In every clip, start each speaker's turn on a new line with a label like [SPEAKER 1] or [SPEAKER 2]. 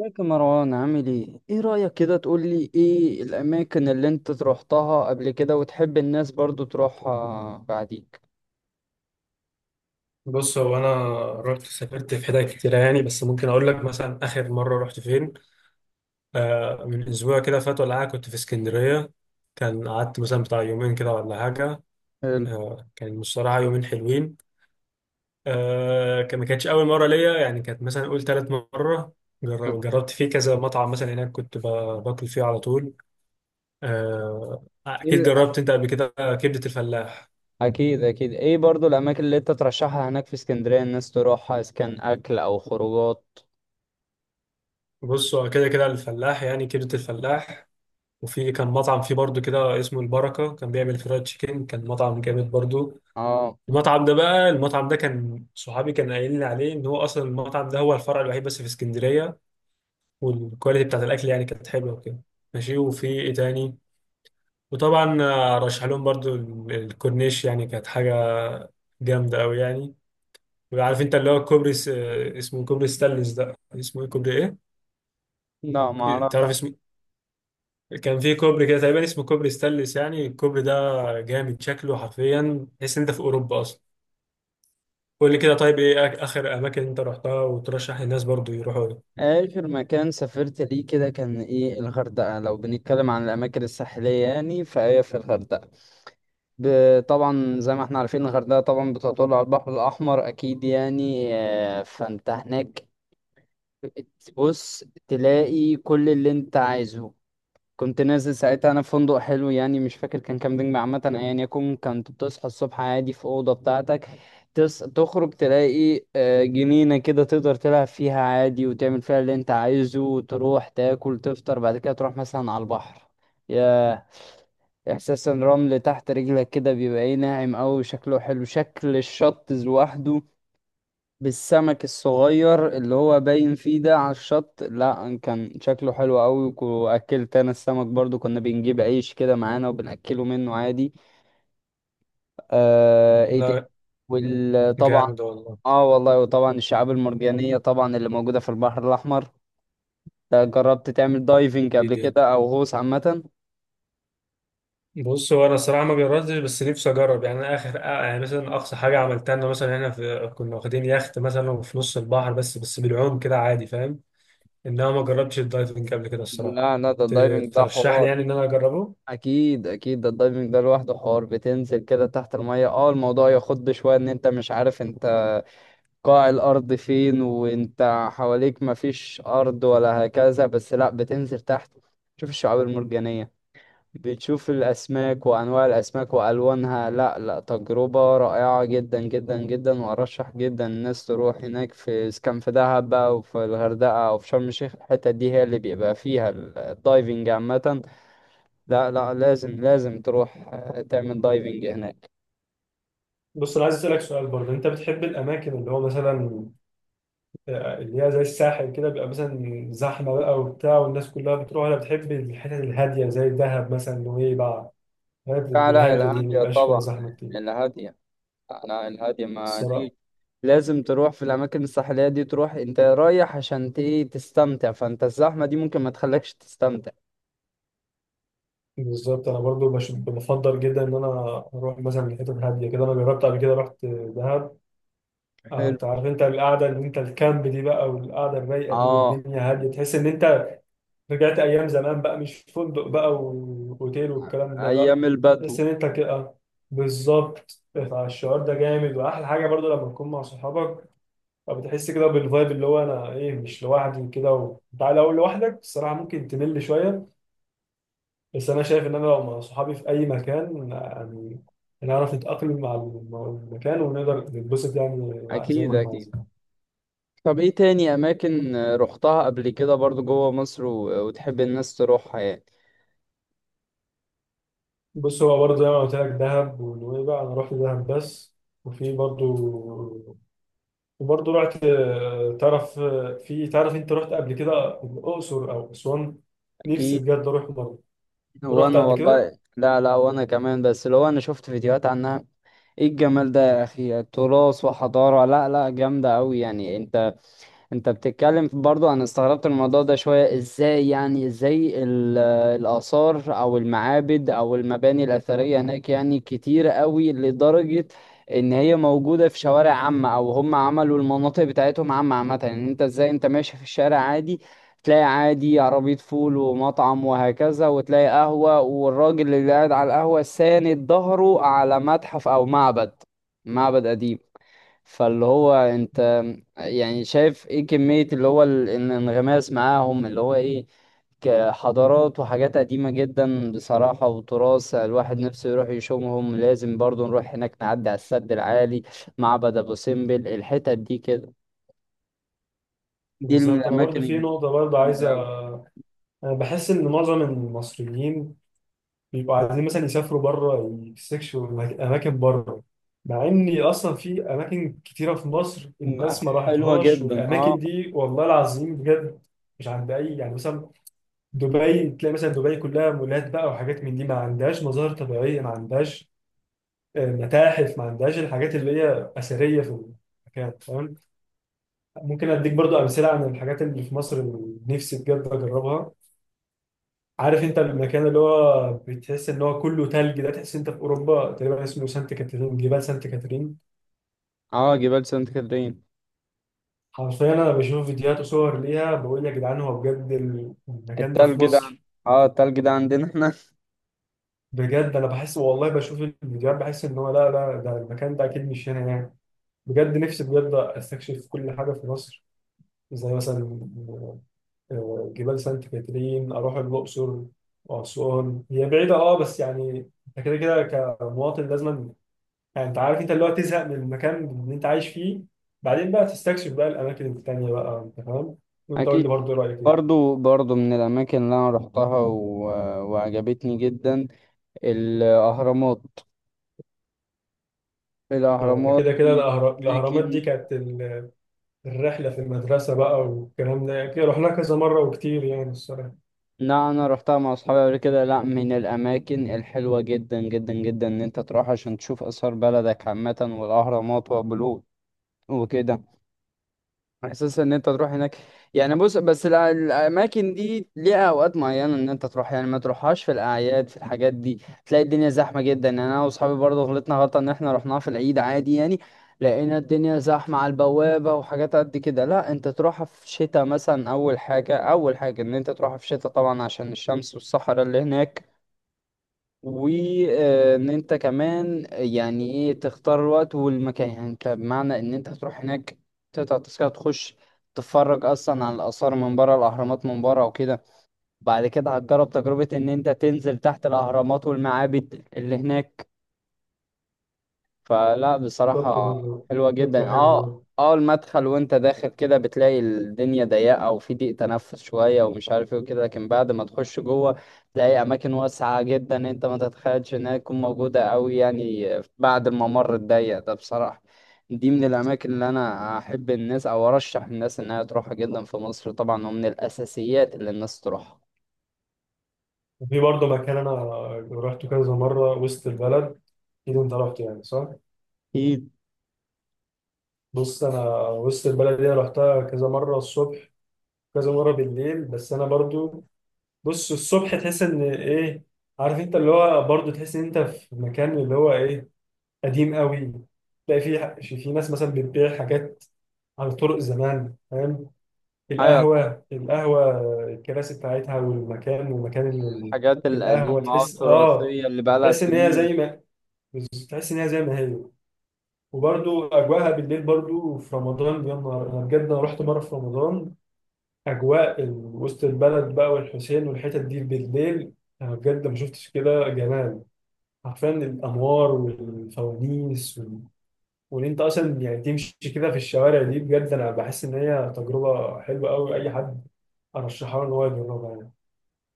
[SPEAKER 1] ازيك يا مروان؟ عامل ايه؟ ايه رأيك كده تقول لي ايه الأماكن اللي انت روحتها قبل كده وتحب الناس برضو تروحها بعديك؟
[SPEAKER 2] بص هو انا رحت سافرت في حتت كتيره يعني، بس ممكن اقول لك مثلا اخر مره رحت فين. آه، من اسبوع كده فات ولا حاجه كنت في اسكندريه. كان قعدت مثلا بتاع يومين كده ولا حاجه.
[SPEAKER 1] حلو.
[SPEAKER 2] آه كان بصراحه يومين حلوين. آه كان ما كانتش اول مره ليا، يعني كانت مثلا اقول تالت مره.
[SPEAKER 1] حلو.
[SPEAKER 2] جربت فيه كذا مطعم مثلا هناك، كنت باكل فيه على طول. آه
[SPEAKER 1] ايه
[SPEAKER 2] اكيد
[SPEAKER 1] ال-
[SPEAKER 2] جربت انت قبل كده، كبده الفلاح.
[SPEAKER 1] أكيد، أكيد. ايه برضو الأماكن اللي انت ترشحها هناك في اسكندرية الناس تروحها، إذا كان أكل أو خروجات؟
[SPEAKER 2] بص هو كده كده الفلاح، يعني كبده الفلاح. وفي كان مطعم فيه برضو كده اسمه البركة، كان بيعمل فرايد تشيكن، كان مطعم جامد برضو.
[SPEAKER 1] اه.
[SPEAKER 2] المطعم ده كان صحابي كان قايل لي عليه ان هو اصلا المطعم ده هو الفرع الوحيد بس في اسكندرية، والكواليتي بتاعت الاكل يعني كانت حلوة وكده. ماشي، وفي ايه تاني؟ وطبعا آه، رشح لهم برضو الكورنيش، يعني كانت حاجة جامدة قوي يعني. وعارف انت اللي هو الكوبري س- آه، اسمه كوبري ستانلس، ده اسمه ايه كوبري ايه؟
[SPEAKER 1] لا،
[SPEAKER 2] تعرف
[SPEAKER 1] معرفش.
[SPEAKER 2] اسمه؟ كان في كوبري كده تقريبا اسمه كوبري ستانلس، يعني الكوبري ده جامد شكله، حرفيا تحس إن انت في اوروبا اصلا. قول لي كده طيب، ايه اخر اماكن انت رحتها وترشح للناس برضو يروحوا لها؟
[SPEAKER 1] آخر مكان سافرت ليه كده كان ايه؟ الغردقة. لو بنتكلم عن الأماكن الساحلية يعني، فهي في الغردقة. طبعا زي ما احنا عارفين الغردقة طبعا بتطل على البحر الأحمر، أكيد يعني. فانت هناك بص تلاقي كل اللي انت عايزه. كنت نازل ساعتها انا في فندق حلو، يعني مش فاكر كان كام نجم عامه، ايا يكن. كنت بتصحى الصبح عادي في اوضه بتاعتك، تخرج تلاقي جنينه كده تقدر تلعب فيها عادي وتعمل فيها اللي انت عايزه، وتروح تاكل تفطر، بعد كده تروح مثلا على البحر. يا احساس الرمل تحت رجلك كده، بيبقى ايه، ناعم قوي. شكله حلو شكل الشط لوحده بالسمك الصغير اللي هو باين فيه ده على الشط. لا، كان شكله حلو قوي. واكلت انا السمك برضو، كنا بنجيب عيش كده معانا وبناكله منه عادي. آه. ايه تاني؟
[SPEAKER 2] لا
[SPEAKER 1] وطبعا.
[SPEAKER 2] جامد والله.
[SPEAKER 1] اه والله. وطبعا الشعاب المرجانية طبعا اللي موجودة في البحر الاحمر ده. جربت تعمل دايفنج
[SPEAKER 2] ايه
[SPEAKER 1] قبل
[SPEAKER 2] دي؟
[SPEAKER 1] كده او غوص عامة؟
[SPEAKER 2] بص هو انا الصراحه ما جربتش، بس نفسي اجرب يعني. أنا اخر آه، يعني مثلا اقصى حاجه عملتها ان مثلا احنا في كنا واخدين يخت مثلا في نص البحر، بس بالعوم كده عادي، فاهم. انما ما جربتش الدايفنج قبل كده الصراحه.
[SPEAKER 1] لا لا، ده
[SPEAKER 2] ت-
[SPEAKER 1] الدايفنج ده
[SPEAKER 2] ترشح لي
[SPEAKER 1] حوار.
[SPEAKER 2] يعني ان انا اجربه؟
[SPEAKER 1] اكيد اكيد، ده الدايفنج ده لوحده حوار. بتنزل كده تحت المية، اه الموضوع يخض شوية، ان انت مش عارف انت قاع الأرض فين، وأنت حواليك مفيش أرض ولا هكذا. بس لأ، بتنزل تحت تشوف الشعاب المرجانية، بتشوف الأسماك وأنواع الأسماك وألوانها. لأ لأ، تجربة رائعة جدا جدا جدا. وأرشح جدا الناس تروح هناك، في إذا كان في دهب بقى وفي الغردقة أو في شرم الشيخ، الحتة دي هي اللي بيبقى فيها الدايفنج عامة. لأ لأ، لازم لازم تروح تعمل دايفنج هناك.
[SPEAKER 2] بص انا عايز اسالك سؤال برضه، انت بتحب الاماكن اللي هو مثلا آه، اللي هي زي الساحل كده بيبقى مثلا زحمة بقى وبتاع والناس كلها بتروح؟ أنا بتحب الحتت الهادية، زي دهب مثلا، نويبع. الحتت
[SPEAKER 1] لا لا،
[SPEAKER 2] الهادية دي
[SPEAKER 1] الهادية
[SPEAKER 2] مبيبقاش فيها
[SPEAKER 1] طبعا.
[SPEAKER 2] زحمة كتير
[SPEAKER 1] الهادية. لا الهادية ما
[SPEAKER 2] الصراحة.
[SPEAKER 1] دي. لازم تروح في الأماكن الساحلية دي، تروح أنت رايح عشان إيه، تستمتع، فأنت الزحمة دي ممكن ما تخليكش تستمتع.
[SPEAKER 2] بالظبط، أنا برضو بفضل جدا إن أنا أروح مثلا لحتت هادية كده. أنا جربت قبل كده، رحت دهب
[SPEAKER 1] حلو.
[SPEAKER 2] قعدت، عارف أنت القعدة اللي أنت الكامب دي بقى، والقعدة الرايقة دي
[SPEAKER 1] اه.
[SPEAKER 2] والدنيا هادية، تحس إن أنت رجعت ايام زمان بقى، مش فندق بقى واوتيل والكلام ده لا.
[SPEAKER 1] أيام
[SPEAKER 2] تحس
[SPEAKER 1] البدو.
[SPEAKER 2] ان انت كده بالظبط. فالشعور ده جامد، واحلى حاجه برضو لما تكون مع صحابك، فبتحس كده بالفايب اللي هو انا ايه مش لوحدي كده. و... انت لو لوحدك الصراحه ممكن تمل شويه، بس انا شايف ان انا لو مع صحابي في اي مكان يعني، نعرف نتاقلم مع مع المكان ونقدر نتبسط يعني، زي
[SPEAKER 1] أكيد
[SPEAKER 2] ما احنا
[SPEAKER 1] أكيد.
[SPEAKER 2] عايزين.
[SPEAKER 1] طب إيه تاني أماكن رحتها قبل كده برضو جوه مصر وتحب الناس تروحها يعني؟
[SPEAKER 2] بص هو برضه زي ما قلت لك، دهب ونويبع، انا رحت دهب بس. وفي برضه، وبرضه رحت آه، تعرف آه، في تعرف انت رحت قبل كده الاقصر او اسوان؟ نفسي
[SPEAKER 1] أكيد.
[SPEAKER 2] بجد اروح برضه، رحت
[SPEAKER 1] وأنا
[SPEAKER 2] قبل كده.
[SPEAKER 1] والله، لا لا وأنا كمان، بس لو أنا شفت فيديوهات عنها. إيه الجمال ده يا أخي، تراث وحضارة. لا لا، جامدة أوي يعني. أنت انت بتتكلم برضو، انا استغربت الموضوع ده شوية. ازاي يعني؟ ازاي الآثار او المعابد او المباني الأثرية هناك يعني كتير قوي، لدرجة ان هي موجودة في شوارع عامة، او هم عملوا المناطق بتاعتهم عامة عامة يعني. انت ازاي انت ماشي في الشارع عادي تلاقي عادي عربية فول ومطعم وهكذا، وتلاقي قهوة والراجل اللي قاعد على القهوة ساند ظهره على متحف او معبد، معبد قديم. فاللي هو انت يعني شايف ايه كمية اللي هو الانغماس معاهم اللي هو ايه، كحضارات وحاجات قديمة جدا بصراحة وتراث الواحد
[SPEAKER 2] بالظبط.
[SPEAKER 1] نفسه يروح يشوفهم. لازم برضو نروح هناك نعدي على السد العالي، معبد ابو سمبل، الحتت دي كده، دي من
[SPEAKER 2] بالظبط، انا برضه
[SPEAKER 1] الاماكن
[SPEAKER 2] في نقطه برضه
[SPEAKER 1] الجامدة
[SPEAKER 2] عايزه.
[SPEAKER 1] اوي.
[SPEAKER 2] انا بحس ان معظم المصريين بيبقوا عايزين مثلا يسافروا بره، يستكشفوا اماكن بره، مع ان اصلا في اماكن كتيره في مصر
[SPEAKER 1] م-
[SPEAKER 2] الناس ما
[SPEAKER 1] حلوة
[SPEAKER 2] راحتهاش،
[SPEAKER 1] جدا.
[SPEAKER 2] والاماكن
[SPEAKER 1] اه.
[SPEAKER 2] دي والله العظيم بجد مش عند اي، يعني مثلا دبي، تلاقي مثلا دبي كلها مولات بقى وحاجات من دي، ما عندهاش مظاهر طبيعية، ما عندهاش آه، متاحف، ما عندهاش الحاجات اللي هي أثرية في المكان، فاهم. ممكن أديك برضو أمثلة عن الحاجات اللي في مصر اللي نفسي بجد أجربها. عارف أنت المكان اللي هو بتحس إن هو كله تلج ده، تحس أنت في أوروبا تقريبا، اسمه سانت كاترين، جبال سانت كاترين.
[SPEAKER 1] اه، جبال سانت كاترين.
[SPEAKER 2] حرفيا أنا بشوف فيديوهات وصور ليها بقول يا جدعان هو بجد المكان ده في
[SPEAKER 1] التلج ده.
[SPEAKER 2] مصر؟
[SPEAKER 1] اه التلج ده عندنا احنا.
[SPEAKER 2] بجد أنا بحس والله بشوف الفيديوهات بحس إن هو لا لا، ده المكان ده أكيد مش هنا يعني. بجد نفسي بجد استكشف كل حاجه في مصر، زي مثلا آه، جبال سانت كاترين، اروح الاقصر واسوان. هي بعيده اه، بس يعني انت كده كده كمواطن لازم، يعني انت عارف انت اللي هو تزهق من المكان اللي انت عايش فيه، بعدين بقى تستكشف بقى الاماكن التانيه بقى، انت فاهم. وانت قول لي
[SPEAKER 1] أكيد.
[SPEAKER 2] برضه رايك ايه.
[SPEAKER 1] برضو برضو من الأماكن اللي أنا رحتها وعجبتني جدا، الأهرامات.
[SPEAKER 2] آه، ده
[SPEAKER 1] الأهرامات
[SPEAKER 2] كده كده
[SPEAKER 1] من
[SPEAKER 2] الاهرامات دي
[SPEAKER 1] الأماكن.
[SPEAKER 2] كانت الرحله في المدرسه بقى والكلام ده، يعني رحنا كذا مره وكتير يعني الصراحه.
[SPEAKER 1] لا أنا رحتها مع أصحابي قبل كده. لا، من الأماكن الحلوة جدا جدا جدا إن أنت تروح عشان تشوف آثار بلدك عامة، والأهرامات وأبو الهول وكده. احساس ان انت تروح هناك يعني. بص بس الاماكن دي ليها اوقات معينه ان انت تروح يعني. ما تروحهاش في الاعياد، في الحاجات دي تلاقي الدنيا زحمه جدا يعني. انا واصحابي برضه غلطنا غلطه ان احنا رحناها في العيد عادي يعني، لقينا الدنيا زحمه على البوابه وحاجات قد كده. لا انت تروحها في شتاء مثلا. اول حاجه، اول حاجه ان انت تروحها في شتاء طبعا عشان الشمس والصحراء اللي هناك. وان انت كمان يعني ايه تختار الوقت والمكان، يعني انت بمعنى ان انت هتروح هناك تقطع تذكرة تخش، تتفرج اصلا على الاثار من بره، الاهرامات من بره وكده. بعد كده هتجرب تجربة ان انت تنزل تحت الاهرامات والمعابد اللي هناك. فلا
[SPEAKER 2] بالظبط
[SPEAKER 1] بصراحة
[SPEAKER 2] برضه،
[SPEAKER 1] حلوة
[SPEAKER 2] فكره
[SPEAKER 1] جدا.
[SPEAKER 2] حلوه
[SPEAKER 1] اه
[SPEAKER 2] برضه.
[SPEAKER 1] اه، المدخل وانت داخل كده بتلاقي الدنيا ضيقة وفي ضيق تنفس شوية ومش عارف ايه وكده، لكن بعد ما تخش جوه تلاقي أماكن واسعة جدا، انت ما تتخيلش انها تكون موجودة أوي يعني، بعد الممر الضيق ده بصراحة. دي من الأماكن اللي أنا أحب الناس أو أرشح الناس إنها تروحها جدا في مصر طبعا، ومن الأساسيات اللي الناس تروحها.
[SPEAKER 2] وفي برضه مكان أنا روحته كذا مرة، وسط البلد، أكيد أنت رحت يعني صح؟
[SPEAKER 1] أكيد.
[SPEAKER 2] بص أنا، وسط البلد دي أنا رحتها كذا مرة الصبح، كذا مرة بالليل، بس أنا برضه بص الصبح تحس إن إيه، عارف أنت اللي هو برضه تحس إن أنت في مكان اللي هو إيه، قديم قوي. تلاقي في في ناس مثلا بتبيع حاجات على طرق زمان فاهم،
[SPEAKER 1] أيوة.
[SPEAKER 2] القهوة، القهوة الكراسي بتاعتها والمكان، ومكان
[SPEAKER 1] الحاجات
[SPEAKER 2] القهوة،
[SPEAKER 1] القديمة، اه
[SPEAKER 2] تحس اه،
[SPEAKER 1] التراثية اللي بقالها
[SPEAKER 2] تحس ان هي زي
[SPEAKER 1] سنين.
[SPEAKER 2] ما، تحس ان هي زي ما هي. وبرده اجواءها بالليل برده في رمضان، يا نهار، انا بجد انا رحت مره في رمضان، اجواء وسط البلد بقى والحسين والحتت دي بالليل، انا بجد ما شفتش كده جمال، حرفيا الانوار والفوانيس وال... وان انت اصلا يعني تمشي كده في الشوارع دي، بجد انا بحس ان هي تجربه حلوه قوي، اي حد ارشحها له ان هو يجربها يعني.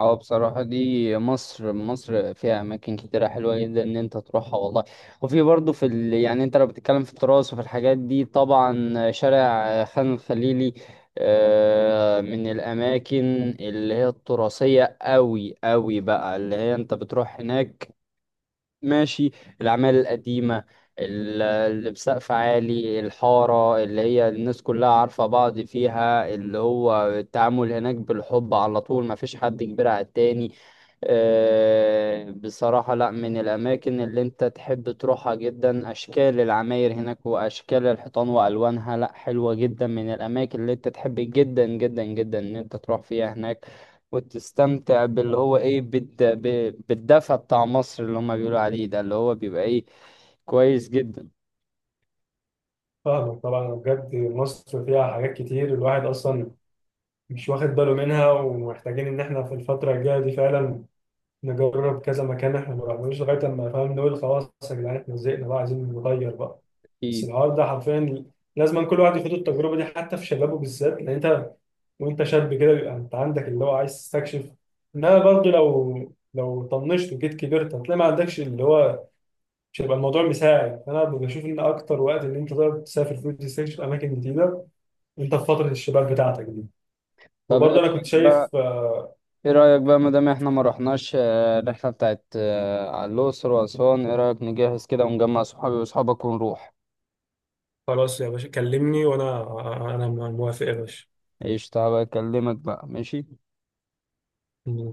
[SPEAKER 1] اه بصراحة، دي مصر، مصر فيها أماكن كتيرة حلوة جدا إن أنت تروحها والله. وفي برضه في يعني أنت لو بتتكلم في التراث وفي الحاجات دي، طبعا شارع خان الخليلي من الأماكن اللي هي التراثية أوي أوي بقى، اللي هي أنت بتروح هناك ماشي، الأعمال القديمة، اللي بسقف عالي، الحارة اللي هي الناس كلها عارفة بعض فيها، اللي هو التعامل هناك بالحب على طول، مفيش حد كبير على التاني. بصراحة لا، من الأماكن اللي أنت تحب تروحها جدا. أشكال العماير هناك وأشكال الحيطان وألوانها، لا حلوة جدا. من الأماكن اللي أنت تحب جدا جدا جدا إن أنت تروح فيها هناك، وتستمتع باللي هو إيه، بالدفى بتاع مصر اللي هما بيقولوا عليه ده، اللي هو بيبقى إيه، كويس جدا.
[SPEAKER 2] فاهمك طبعا، بجد مصر فيها حاجات كتير الواحد اصلا مش واخد باله منها، ومحتاجين ان احنا في الفتره الجايه دي فعلا نجرب كذا مكان احنا ما رحناش لغايه لما فاهم، نقول خلاص يا جدعان احنا زهقنا بقى، عايزين نغير بقى. بس
[SPEAKER 1] أكيد.
[SPEAKER 2] الحوار ده حرفيا لازم كل واحد يخوض التجربه دي، حتى في شبابه بالذات، لان انت وانت شاب كده بيبقى انت عندك اللي هو عايز تستكشف، انما برضه لو طنشت وجيت كبرت هتلاقي ما عندكش اللي هو، مش هيبقى الموضوع مساعد. فانا بشوف ان اكتر وقت ان انت تقدر تسافر فيه وتستكشف اماكن جديده، انت في فتره الشباب بتاعتك دي.
[SPEAKER 1] طب إيه
[SPEAKER 2] وبرضه انا كنت
[SPEAKER 1] رأيك بقى؟
[SPEAKER 2] شايف آه،
[SPEAKER 1] إيه رأيك بقى، مادام إحنا ما رحناش الرحلة بتاعت على الأقصر وأسوان، إيه رأيك نجهز كده ونجمع صحابي وأصحابك ونروح؟
[SPEAKER 2] خلاص يا باشا كلمني، انا موافق يا باشا.
[SPEAKER 1] ايش، تعالى اكلمك بقى ماشي.